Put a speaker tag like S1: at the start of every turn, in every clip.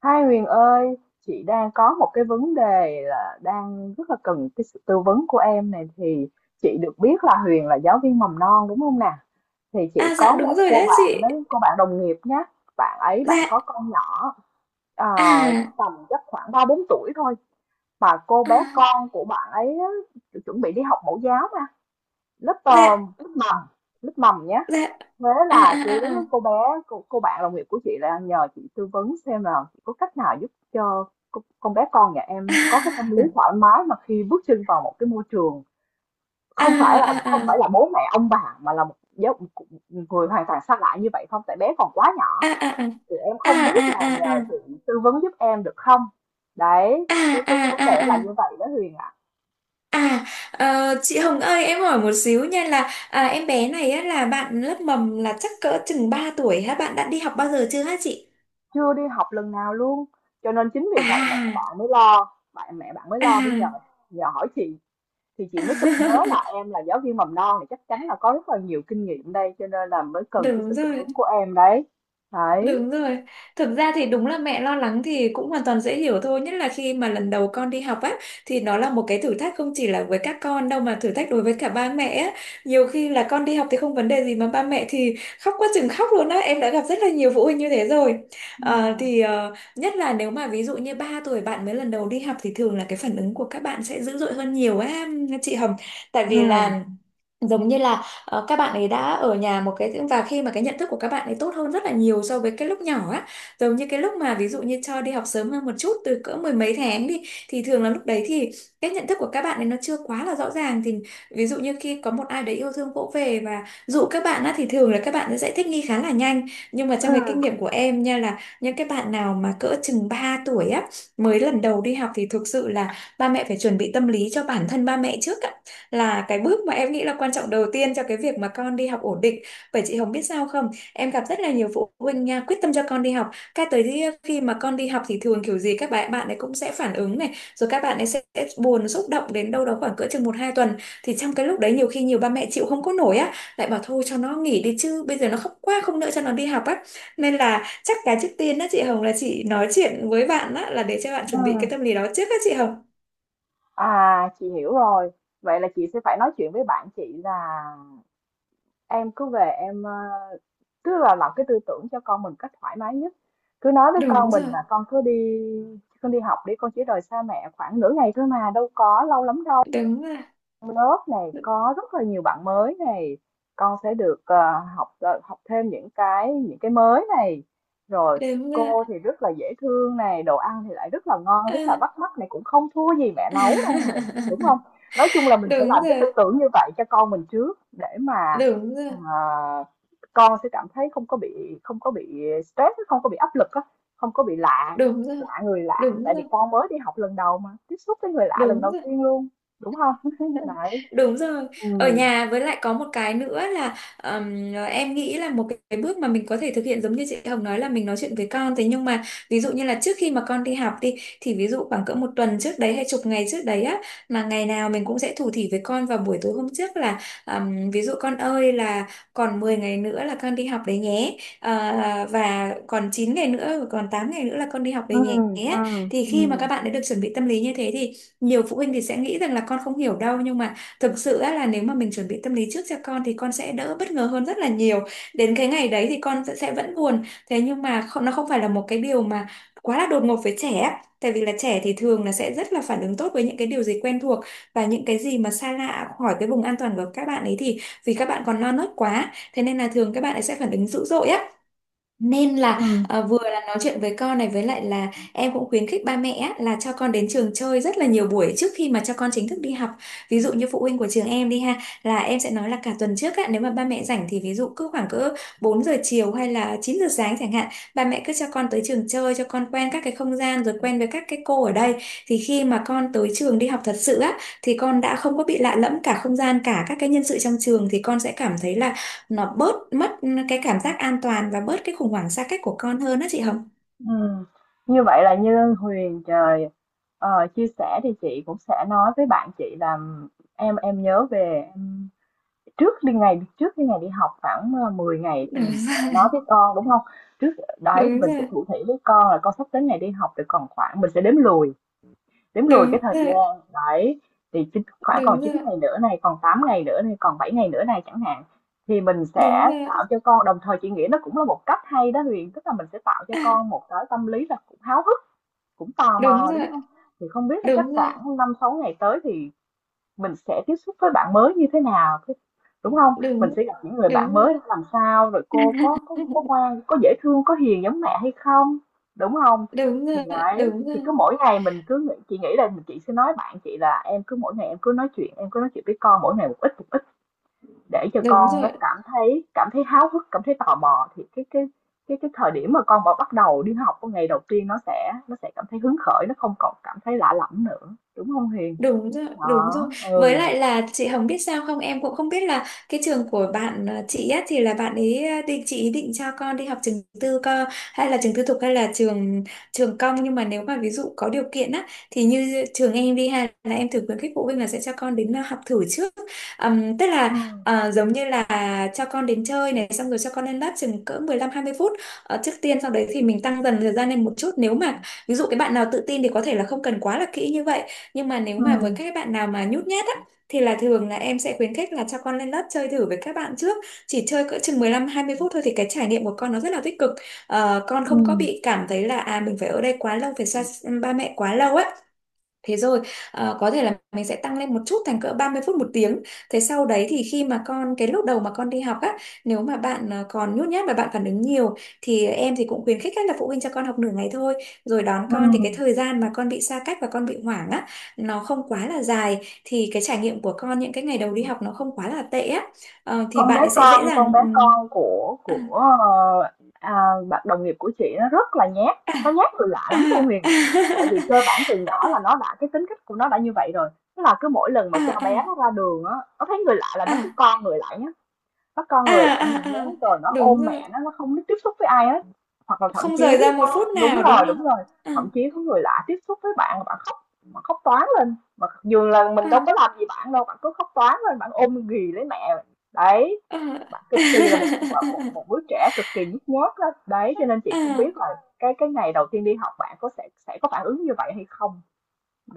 S1: Hai Huyền ơi, chị đang có một cái vấn đề là đang rất là cần cái sự tư vấn của em này thì chị được biết là Huyền là giáo viên mầm non đúng không nè? Thì chị
S2: Dạ
S1: có
S2: đúng
S1: một
S2: rồi
S1: cô
S2: đấy
S1: bạn
S2: chị.
S1: đó, cô bạn đồng nghiệp nhé. Bạn ấy
S2: Dạ.
S1: có con nhỏ ờ,
S2: À.
S1: tầm chắc khoảng 3 4 tuổi thôi, mà cô bé
S2: À.
S1: con của bạn ấy á, chuẩn bị đi học mẫu giáo mà lớp ờ,
S2: Dạ.
S1: lớp mầm lớp mầm nhé.
S2: Dạ.
S1: Thế
S2: À
S1: là
S2: à
S1: cứ
S2: à à.
S1: cô bạn đồng nghiệp của chị là nhờ chị tư vấn xem là chị có cách nào giúp cho con bé con nhà em có cái tâm lý thoải mái mà khi bước chân vào một cái môi trường
S2: À
S1: không phải là
S2: à à.
S1: không phải là bố mẹ ông bà mà là một người hoàn toàn xa lạ như vậy không, tại bé còn quá
S2: À
S1: nhỏ,
S2: à à.
S1: thì em
S2: À
S1: không
S2: à
S1: biết là
S2: à
S1: nhờ
S2: à.
S1: chị tư vấn giúp em được không, đấy
S2: À
S1: cái
S2: à
S1: cái cái vấn đề
S2: à
S1: là
S2: à.
S1: như
S2: À
S1: vậy đó Huyền ạ.
S2: À, ờ, Chị Hồng ơi, em hỏi một xíu nha, là em bé này á, là bạn lớp mầm là chắc cỡ chừng 3 tuổi hả? Bạn đã đi học bao giờ chưa hả chị?
S1: Chưa đi học lần nào luôn, cho nên chính vì vậy mẹ
S2: À.
S1: bạn mới lo bạn mẹ bạn mới lo mới nhờ
S2: À.
S1: nhờ hỏi chị. Thì chị mới sực nhớ là em là giáo viên mầm non thì chắc chắn là có rất là nhiều kinh nghiệm đây, cho nên là mới cần cái
S2: Đúng
S1: sự tư
S2: rồi.
S1: vấn của em đấy. Đấy.
S2: Đúng rồi. Thực ra thì đúng là mẹ lo lắng thì cũng hoàn toàn dễ hiểu thôi. Nhất là khi mà lần đầu con đi học á, thì nó là một cái thử thách không chỉ là với các con đâu mà thử thách đối với cả ba mẹ á. Nhiều khi là con đi học thì không vấn đề gì mà ba mẹ thì khóc quá chừng khóc luôn á. Em đã gặp rất là nhiều phụ huynh như thế rồi.
S1: Ừ.
S2: Nhất là nếu mà ví dụ như 3 tuổi bạn mới lần đầu đi học thì thường là cái phản ứng của các bạn sẽ dữ dội hơn nhiều á chị Hồng. Tại
S1: Ừ.
S2: vì là giống như là các bạn ấy đã ở nhà một cái và khi mà cái nhận thức của các bạn ấy tốt hơn rất là nhiều so với cái lúc nhỏ á, giống như cái lúc mà ví dụ như cho đi học sớm hơn một chút từ cỡ mười mấy tháng đi, thì thường là lúc đấy thì cái nhận thức của các bạn ấy nó chưa quá là rõ ràng, thì ví dụ như khi có một ai đấy yêu thương vỗ về và dụ các bạn á thì thường là các bạn sẽ thích nghi khá là nhanh, nhưng mà
S1: Ừ.
S2: trong cái kinh nghiệm của em nha là những cái bạn nào mà cỡ chừng 3 tuổi á mới lần đầu đi học thì thực sự là ba mẹ phải chuẩn bị tâm lý cho bản thân ba mẹ trước, là cái bước mà em nghĩ là quan trọng đầu tiên cho cái việc mà con đi học ổn định. Bởi chị Hồng biết sao không? Em gặp rất là nhiều phụ huynh nha, quyết tâm cho con đi học. Cái tới khi khi mà con đi học thì thường kiểu gì các bạn bạn ấy cũng sẽ phản ứng này, rồi các bạn ấy sẽ buồn xúc động đến đâu đó khoảng cỡ chừng một hai tuần. Thì trong cái lúc đấy nhiều khi nhiều ba mẹ chịu không có nổi á, lại bảo thôi cho nó nghỉ đi chứ, bây giờ nó khóc quá không nữa cho nó đi học á. Nên là chắc cái trước tiên á chị Hồng là chị nói chuyện với bạn á, là để cho bạn chuẩn bị cái tâm
S1: Ừ.
S2: lý đó trước á chị Hồng.
S1: À, chị hiểu rồi. Vậy là chị sẽ phải nói chuyện với bạn chị là em cứ về em, tức là làm cái tư tưởng cho con mình cách thoải mái nhất. Cứ nói với con
S2: Đúng
S1: mình
S2: rồi,
S1: là con đi học đi, con chỉ rời xa mẹ khoảng nửa ngày thôi mà đâu có lâu lắm đâu.
S2: đúng rồi.
S1: Lớp này có rất là nhiều bạn mới này, con sẽ được, học, học thêm những cái mới này. Rồi
S2: Đúng rồi.
S1: cô thì rất là dễ thương này, đồ ăn thì lại rất là ngon, rất là
S2: Ờ.
S1: bắt mắt này, cũng không thua gì mẹ nấu đâu này, đúng không? Nói chung là mình phải
S2: Đúng
S1: làm cái tư
S2: rồi,
S1: tưởng như vậy cho con mình trước để mà,
S2: đúng rồi,
S1: ờ, con sẽ cảm thấy không có bị stress, không có bị áp lực á, không có bị lạ
S2: đúng rồi,
S1: lạ người lạ,
S2: đúng
S1: tại vì
S2: rồi,
S1: con mới đi học lần đầu mà, tiếp xúc với người lạ lần
S2: đúng
S1: đầu
S2: rồi,
S1: tiên luôn, đúng không? Đấy.
S2: đúng rồi. Ở
S1: Ừm.
S2: nhà với lại có một cái nữa là, em nghĩ là một cái bước mà mình có thể thực hiện giống như chị Hồng nói là mình nói chuyện với con, thế nhưng mà ví dụ như là trước khi mà con đi học đi, thì ví dụ khoảng cỡ một tuần trước đấy hay chục ngày trước đấy á, mà ngày nào mình cũng sẽ thủ thỉ với con vào buổi tối hôm trước là, ví dụ con ơi là còn 10 ngày nữa là con đi học đấy nhé. Ờ, và còn 9 ngày nữa, còn 8 ngày nữa là con đi học đấy nhé,
S1: Ừm. Ừm.
S2: thì khi mà các
S1: Ừm.
S2: bạn đã được chuẩn bị tâm lý như thế thì nhiều phụ huynh thì sẽ nghĩ rằng là con không hiểu đâu, nhưng mà thực sự á, là nếu mà mình chuẩn bị tâm lý trước cho con thì con sẽ đỡ bất ngờ hơn rất là nhiều. Đến cái ngày đấy thì con sẽ vẫn buồn, thế nhưng mà không, nó không phải là một cái điều mà quá là đột ngột với trẻ á. Tại vì là trẻ thì thường là sẽ rất là phản ứng tốt với những cái điều gì quen thuộc, và những cái gì mà xa lạ khỏi cái vùng an toàn của các bạn ấy thì vì các bạn còn non nớt quá thế nên là thường các bạn ấy sẽ phản ứng dữ dội á. Nên là
S1: Ừm.
S2: vừa là nói chuyện với con này, với lại là em cũng khuyến khích ba mẹ á, là cho con đến trường chơi rất là nhiều buổi trước khi mà cho con chính thức đi học. Ví dụ như phụ huynh của trường em đi ha, là em sẽ nói là cả tuần trước á, nếu mà ba mẹ rảnh thì ví dụ cứ khoảng cỡ 4 giờ chiều hay là 9 giờ sáng chẳng hạn, ba mẹ cứ cho con tới trường chơi cho con quen các cái không gian rồi quen với các cái cô ở đây. Thì khi mà con tới trường đi học thật sự á thì con đã không có bị lạ lẫm cả không gian cả các cái nhân sự trong trường, thì con sẽ cảm thấy là nó bớt mất cái cảm giác an toàn và bớt cái khủng hoảng xa cách của con hơn á chị Hồng.
S1: Ừm. Như vậy là như Huyền trời chia sẻ thì chị cũng sẽ nói với bạn chị là em nhớ về trước khi ngày đi học khoảng 10 ngày thì mình sẽ nói với con, đúng không? Trước đấy thì
S2: Đúng
S1: mình sẽ
S2: rồi,
S1: thủ thỉ với con là con sắp đến ngày đi học rồi, còn khoảng, mình sẽ đếm lùi
S2: đúng
S1: cái thời
S2: rồi,
S1: gian, đấy, thì chính khoảng còn
S2: đúng rồi,
S1: 9 ngày nữa này, còn 8 ngày nữa này, còn 7 ngày nữa này chẳng hạn, thì mình sẽ tạo cho con, đồng thời chị nghĩ nó cũng là một cách hay đó Huyền, tức là mình sẽ tạo cho con một cái tâm lý là cũng háo hức, cũng tò
S2: đúng rồi, đúng
S1: mò, đúng
S2: rồi,
S1: không? Thì không biết là chắc
S2: đúng rồi,
S1: khoảng 5 6 ngày tới thì mình sẽ tiếp xúc với bạn mới như thế nào, đúng không? Mình
S2: đúng,
S1: sẽ gặp những người
S2: đúng
S1: bạn
S2: rồi.
S1: mới làm sao, rồi cô có có có ngoan, có dễ thương, có hiền giống mẹ hay không, đúng không?
S2: Đúng
S1: Thì
S2: rồi,
S1: đấy,
S2: đúng
S1: thì
S2: rồi,
S1: cứ mỗi ngày mình cứ nghĩ chị nghĩ là chị sẽ nói bạn chị là em cứ mỗi ngày, em cứ nói chuyện với con mỗi ngày một ít, một ít, để cho
S2: đúng
S1: con nó
S2: rồi.
S1: cảm thấy háo hức, cảm thấy tò mò, thì cái thời điểm mà con mà bắt đầu đi học cái ngày đầu tiên, nó sẽ cảm thấy hứng khởi, nó không còn cảm thấy lạ lẫm nữa, đúng không hiền?
S2: Đúng rồi, đúng
S1: Đó.
S2: rồi. Với
S1: Ừ.
S2: lại là chị Hồng biết sao không, em cũng không biết là cái trường của bạn chị á thì là bạn ấy ờ, định chị ý định cho con đi học trường tư co hay là trường tư thục hay là trường trường công, nhưng mà nếu mà ví dụ có điều kiện á thì như trường em đi, hay là em thử khuyến khích phụ huynh là sẽ cho con đến học thử trước. Tức
S1: Ừ.
S2: là giống như là cho con đến chơi này xong rồi cho con lên lớp chừng cỡ mười lăm hai mươi phút, trước tiên, sau đấy thì mình tăng dần thời gian lên một chút. Nếu mà ví dụ cái bạn nào tự tin thì có thể là không cần quá là kỹ như vậy, nhưng mà nếu
S1: Ừ.
S2: mà với các bạn nào mà nhút nhát á thì thường là em sẽ khuyến khích là cho con lên lớp chơi thử với các bạn trước, chỉ chơi cỡ chừng 15 20 phút thôi thì cái trải nghiệm của con nó rất là tích cực. Ờ, con không có
S1: Ừ.
S2: bị cảm thấy là à mình phải ở đây quá lâu phải xa ba mẹ quá lâu á. Thế rồi có thể là mình sẽ tăng lên một chút thành cỡ 30 phút một tiếng. Thế sau đấy thì khi mà con cái lúc đầu mà con đi học á, nếu mà bạn còn nhút nhát và bạn phản ứng nhiều thì em cũng khuyến khích các là phụ huynh cho con học nửa ngày thôi. Rồi đón
S1: Ừ.
S2: con thì cái thời gian mà con bị xa cách và con bị hoảng á nó không quá là dài, thì cái trải nghiệm của con những cái ngày đầu đi học nó không quá là tệ á. Ờ, thì
S1: Con bé
S2: bạn ấy sẽ
S1: con
S2: dễ
S1: con
S2: dàng
S1: bé con của
S2: à,
S1: của, ờ, à, bạn đồng nghiệp của chị nó rất là nhát, nó nhát từ lạ
S2: à,
S1: lắm luôn Huyền. Tại
S2: à,
S1: vì cơ bản từ nhỏ là nó đã cái tính cách của nó đã như vậy rồi, tức là cứ mỗi lần mà cho
S2: à, à,
S1: bé nó ra đường á, nó thấy người lạ là nó cứ
S2: à,
S1: con người lại. Nó co
S2: à,
S1: người lại
S2: à,
S1: hình thế,
S2: à, à.
S1: rồi nó
S2: Đúng
S1: ôm
S2: rồi.
S1: mẹ nó không biết tiếp xúc với ai hết. Hoặc là thậm
S2: Không
S1: chí
S2: rời ra một
S1: có
S2: phút nào đúng không?
S1: đúng rồi, thậm chí có người lạ tiếp xúc với bạn mà bạn khóc, mà khóc toáng lên, mà dù là
S2: Ờ,
S1: mình đâu
S2: ờ,
S1: có làm gì bạn đâu, bạn cứ khóc toáng lên, bạn ôm ghì lấy mẹ, đấy,
S2: ờ.
S1: bạn cực kỳ là một một, một, một đứa trẻ cực kỳ nhút nhát đó đấy, cho nên chị không
S2: Ờ,
S1: biết là cái ngày đầu tiên đi học bạn có sẽ có phản ứng như vậy hay không.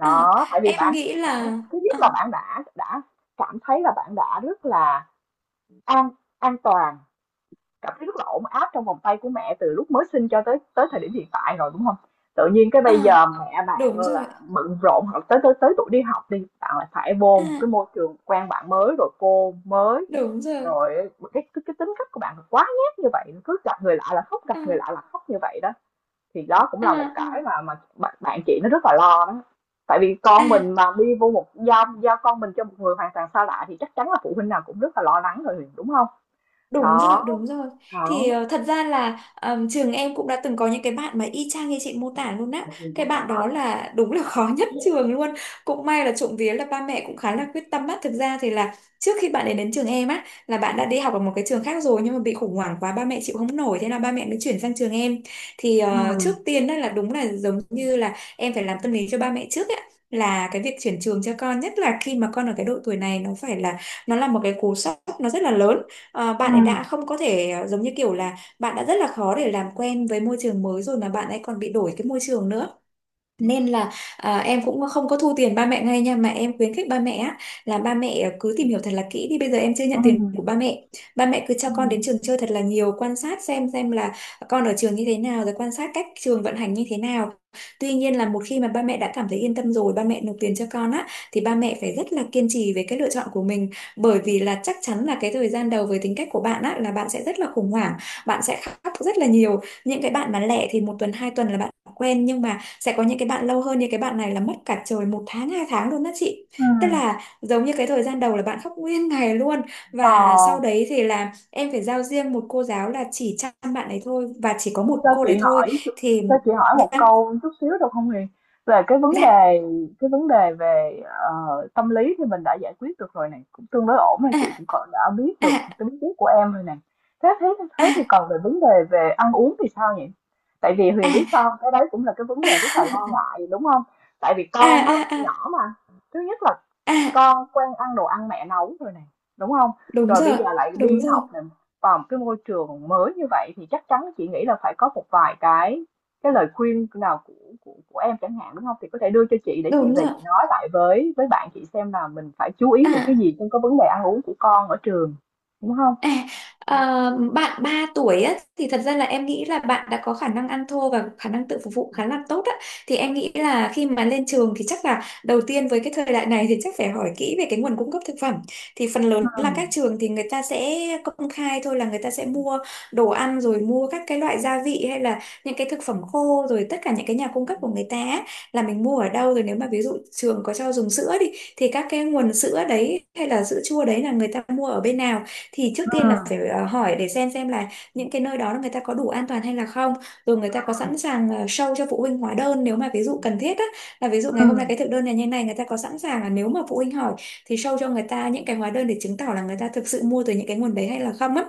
S2: ờ.
S1: tại vì
S2: Em
S1: bạn,
S2: nghĩ là
S1: thứ nhất
S2: ờ,
S1: là bạn đã cảm thấy là bạn đã rất là an, an toàn cảm thấy rất là ổn áp trong vòng tay của mẹ từ lúc mới sinh cho tới tới thời điểm hiện tại rồi, đúng không? Tự nhiên cái
S2: ờ,
S1: bây giờ mẹ bạn
S2: đúng rồi.
S1: là bận rộn, hoặc tới tới tới tuổi đi học đi, bạn lại phải vô
S2: Ờ,
S1: một cái môi trường quen bạn mới, rồi cô mới,
S2: đúng rồi.
S1: rồi cái tính cách của bạn quá nhát như vậy, cứ gặp người lạ là khóc, gặp
S2: Ờ,
S1: người lạ là khóc như vậy đó, thì đó cũng
S2: ờ,
S1: là một
S2: ờ.
S1: cái mà bạn chị nó rất là lo đó, tại vì con mình
S2: à
S1: mà đi vô một giao giao con mình cho một người hoàn toàn xa lạ thì chắc chắn là phụ huynh nào cũng rất là lo lắng rồi, đúng không?
S2: Đúng rồi,
S1: Đó.
S2: đúng rồi. Thì
S1: Đó.
S2: thật ra là trường em cũng đã từng có những cái bạn mà y chang như chị mô tả luôn á. Cái bạn đó là đúng là khó nhất trường luôn. Cũng may là trộm vía là ba mẹ cũng khá là quyết tâm á. Thực ra thì là trước khi bạn ấy đến trường em á là bạn đã đi học ở một cái trường khác rồi, nhưng mà bị khủng hoảng quá, ba mẹ chịu không nổi, thế là ba mẹ mới chuyển sang trường em. Thì
S1: Ừ.
S2: trước tiên đó là đúng là giống như là em phải làm tâm lý cho ba mẹ trước á. Là cái việc chuyển trường cho con, nhất là khi mà con ở cái độ tuổi này, nó là một cái cú sốc, nó rất là lớn. Bạn ấy đã
S1: Ừ.
S2: không có thể, giống như kiểu là bạn đã rất là khó để làm quen với môi trường mới rồi mà bạn ấy còn bị đổi cái môi trường nữa, nên là em cũng không có thu tiền ba mẹ ngay nha, mà em khuyến khích ba mẹ á, là ba mẹ cứ tìm hiểu thật là kỹ đi, bây giờ em chưa
S1: Ừ.
S2: nhận tiền của ba mẹ. Ba mẹ cứ cho con
S1: Ừ.
S2: đến trường chơi thật là nhiều, quan sát xem là con ở trường như thế nào, rồi quan sát cách trường vận hành như thế nào. Tuy nhiên, là một khi mà ba mẹ đã cảm thấy yên tâm rồi, ba mẹ nộp tiền cho con á, thì ba mẹ phải rất là kiên trì về cái lựa chọn của mình. Bởi vì là chắc chắn là cái thời gian đầu, với tính cách của bạn á, là bạn sẽ rất là khủng hoảng, bạn sẽ khóc rất là nhiều. Những cái bạn mà lẻ thì 1 tuần 2 tuần là bạn quen, nhưng mà sẽ có những cái bạn lâu hơn, như cái bạn này là mất cả trời 1 tháng 2 tháng luôn đó chị. Tức
S1: Ừm.
S2: là giống như cái thời gian đầu là bạn khóc nguyên ngày luôn,
S1: Ờ,
S2: và sau đấy thì là em phải giao riêng một cô giáo là chỉ chăm bạn ấy thôi, và chỉ có một
S1: cho
S2: cô
S1: chị
S2: đấy thôi.
S1: hỏi
S2: thì
S1: cho chị hỏi một
S2: vâng.
S1: câu chút xíu được không Huyền? Về
S2: Dạ.
S1: cái vấn đề về, tâm lý thì mình đã giải quyết được rồi này, cũng tương đối ổn rồi,
S2: À,
S1: chị cũng còn đã biết
S2: à,
S1: được tính khí của em rồi này. Thế thế thế thì
S2: à,
S1: còn về vấn đề về ăn uống thì sao nhỉ? Tại vì
S2: à.
S1: Huyền biết sao hông? Cái đấy cũng là cái vấn đề rất là lo ngại, đúng không? Tại vì
S2: À,
S1: con á,
S2: à, à, à,
S1: nhỏ mà, thứ nhất là
S2: à.
S1: con quen ăn đồ ăn mẹ nấu rồi này, đúng không,
S2: Đúng
S1: rồi bây
S2: rồi,
S1: giờ lại
S2: đúng
S1: đi
S2: rồi,
S1: học này, vào một cái môi trường mới như vậy thì chắc chắn chị nghĩ là phải có một vài cái lời khuyên nào của của em chẳng hạn, đúng không, thì có thể đưa cho chị để chị
S2: đúng
S1: về
S2: rồi.
S1: chị nói lại với bạn chị xem là mình phải chú ý những cái
S2: À.
S1: gì trong cái vấn đề ăn uống của con ở trường, đúng không?
S2: À, ờ, bạn 3 tuổi á, thì thật ra là em nghĩ là bạn đã có khả năng ăn thô và khả năng tự phục vụ khá là tốt á. Thì em nghĩ là khi mà lên trường thì chắc là đầu tiên, với cái thời đại này, thì chắc phải hỏi kỹ về cái nguồn cung cấp thực phẩm. Thì phần lớn
S1: Ừ.
S2: là các trường thì người ta sẽ công khai thôi, là người ta sẽ mua đồ ăn, rồi mua các cái loại gia vị hay là những cái thực phẩm khô, rồi tất cả những cái nhà cung cấp của người ta á, là mình mua ở đâu. Rồi nếu mà ví dụ trường có cho dùng sữa đi, thì các cái nguồn sữa đấy hay là sữa chua đấy là người ta mua ở bên nào, thì trước
S1: Ừ.
S2: tiên là phải hỏi để xem là những cái nơi đó người ta có đủ an toàn hay là không, rồi người ta có sẵn sàng show cho phụ huynh hóa đơn nếu mà ví dụ cần thiết á, là ví dụ
S1: Ừ.
S2: ngày hôm nay cái thực đơn này như này người ta có sẵn sàng là nếu mà phụ huynh hỏi thì show cho người ta những cái hóa đơn để chứng tỏ là người ta thực sự mua từ những cái nguồn đấy hay là không á.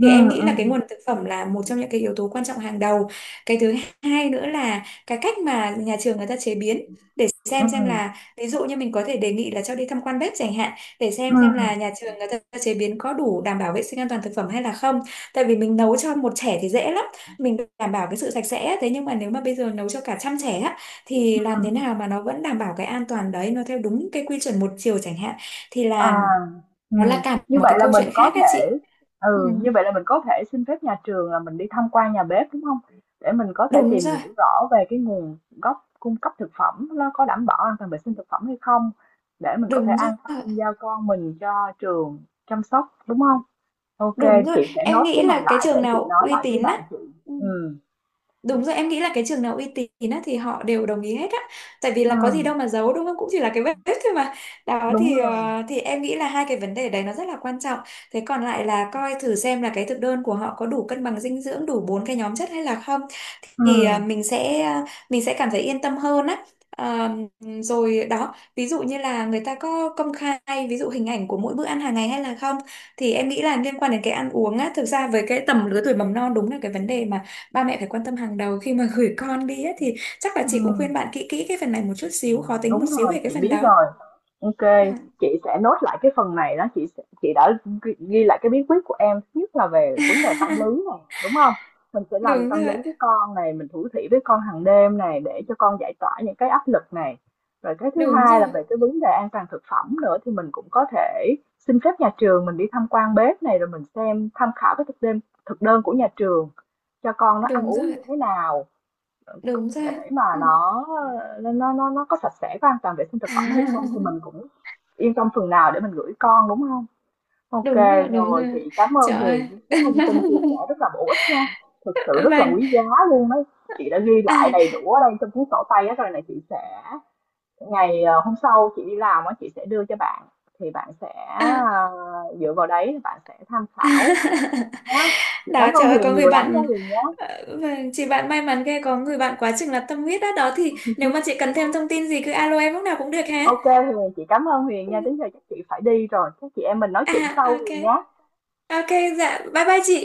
S2: Thì em nghĩ là cái nguồn thực phẩm là một trong những cái yếu tố quan trọng hàng đầu. Cái thứ hai nữa là cái cách mà nhà trường người ta chế biến, để
S1: Ừ.
S2: xem là, ví dụ như mình có thể đề nghị là cho đi tham quan bếp chẳng hạn, để
S1: Ừ.
S2: xem là nhà trường người ta chế biến có đủ đảm bảo vệ sinh an toàn thực phẩm hay là không. Tại vì mình nấu cho một trẻ thì dễ lắm, mình đảm bảo cái sự sạch sẽ, thế nhưng mà nếu mà bây giờ nấu cho cả trăm trẻ á, thì làm thế nào mà nó vẫn đảm bảo cái an toàn đấy, nó theo đúng cái quy chuẩn một chiều chẳng hạn, thì
S1: À,
S2: là nó là
S1: ừm,
S2: cả
S1: như
S2: một cái
S1: vậy là
S2: câu
S1: mình
S2: chuyện
S1: có
S2: khác á chị.
S1: thể
S2: Ừ,
S1: ừ, như vậy là mình có thể xin phép nhà trường là mình đi tham quan nhà bếp, đúng không? Để mình có thể
S2: đúng
S1: tìm
S2: rồi,
S1: hiểu rõ về cái nguồn gốc cung cấp thực phẩm nó có đảm bảo an toàn vệ sinh thực phẩm hay không, để mình có thể
S2: đúng rồi,
S1: an tâm giao con mình cho trường chăm sóc, đúng không? OK,
S2: đúng rồi,
S1: chị sẽ
S2: em
S1: nốt cái
S2: nghĩ
S1: này
S2: là cái
S1: lại để
S2: trường
S1: chị
S2: nào
S1: nói
S2: uy
S1: lại với
S2: tín
S1: bạn
S2: á.
S1: chị.
S2: Ừ.
S1: Ừ.
S2: Đúng rồi, em nghĩ là cái trường nào uy tín á, thì họ đều đồng ý hết á. Tại vì là có
S1: Ừm.
S2: gì đâu mà giấu, đúng không? Cũng chỉ là cái vết thôi mà. Đó,
S1: Đúng
S2: thì
S1: rồi.
S2: ờ, thì em nghĩ là hai cái vấn đề đấy nó rất là quan trọng. Thế còn lại là coi thử xem là cái thực đơn của họ có đủ cân bằng dinh dưỡng, đủ bốn cái nhóm chất hay là không, thì
S1: Ừm.
S2: mình sẽ cảm thấy yên tâm hơn á. À, rồi đó, ví dụ như là người ta có công khai ví dụ hình ảnh của mỗi bữa ăn hàng ngày hay là không. Thì em nghĩ là liên quan đến cái ăn uống á, thực ra với cái tầm lứa tuổi mầm non, đúng là cái vấn đề mà ba mẹ phải quan tâm hàng đầu khi mà gửi con đi á, thì chắc là chị cũng
S1: Ừm.
S2: khuyên bạn kỹ kỹ cái phần này một chút xíu, khó tính
S1: Đúng
S2: một xíu
S1: rồi,
S2: về cái
S1: chị
S2: phần
S1: biết
S2: đó.
S1: rồi. Ok,
S2: À.
S1: chị sẽ nốt lại cái phần này đó, chị đã ghi lại cái bí quyết của em, thứ nhất là về vấn đề tâm lý này, đúng không? Mình sẽ làm
S2: Đúng
S1: tâm lý
S2: rồi,
S1: với con này, mình thủ thỉ với con hàng đêm này để cho con giải tỏa những cái áp lực này. Rồi cái thứ
S2: đúng
S1: hai là
S2: rồi,
S1: về cái vấn đề an toàn thực phẩm nữa, thì mình cũng có thể xin phép nhà trường mình đi tham quan bếp này, rồi mình xem tham khảo cái thực đơn của nhà trường cho con nó ăn
S2: đúng
S1: uống
S2: rồi,
S1: như thế nào,
S2: đúng rồi.
S1: để mà
S2: Ừ.
S1: nó có sạch sẽ, có an toàn vệ sinh thực phẩm hay không, thì mình cũng yên tâm phần nào để mình gửi con, đúng không?
S2: Đúng
S1: Ok
S2: rồi, đúng
S1: rồi,
S2: rồi.
S1: chị cảm ơn
S2: Trời
S1: Huyền
S2: ơi.
S1: với cái thông tin chia sẻ rất là bổ ích nha, thực sự rất là
S2: Vâng.
S1: quý giá luôn đấy, chị đã ghi lại
S2: À,
S1: đầy đủ ở đây trong cuốn sổ tay á rồi này, chị sẽ hôm sau chị đi làm á chị sẽ đưa cho bạn, thì bạn sẽ
S2: à.
S1: dựa vào đấy bạn sẽ tham khảo. Đó. Chị
S2: Đó,
S1: cảm ơn
S2: trời ơi,
S1: Huyền
S2: có người
S1: nhiều lắm nha
S2: bạn,
S1: Huyền nhé.
S2: vâng, chị bạn may mắn ghê, có người bạn quá chừng là tâm huyết. Đó đó, thì nếu mà chị cần thêm thông tin gì cứ alo em lúc nào cũng được hả.
S1: OK Huyền, chị cảm ơn Huyền
S2: Ừ.
S1: nha, đến giờ chắc chị phải đi rồi. Các chị em mình nói chuyện
S2: À.
S1: sau
S2: Ok.
S1: Huyền nhé.
S2: Ok. Dạ, bye bye chị.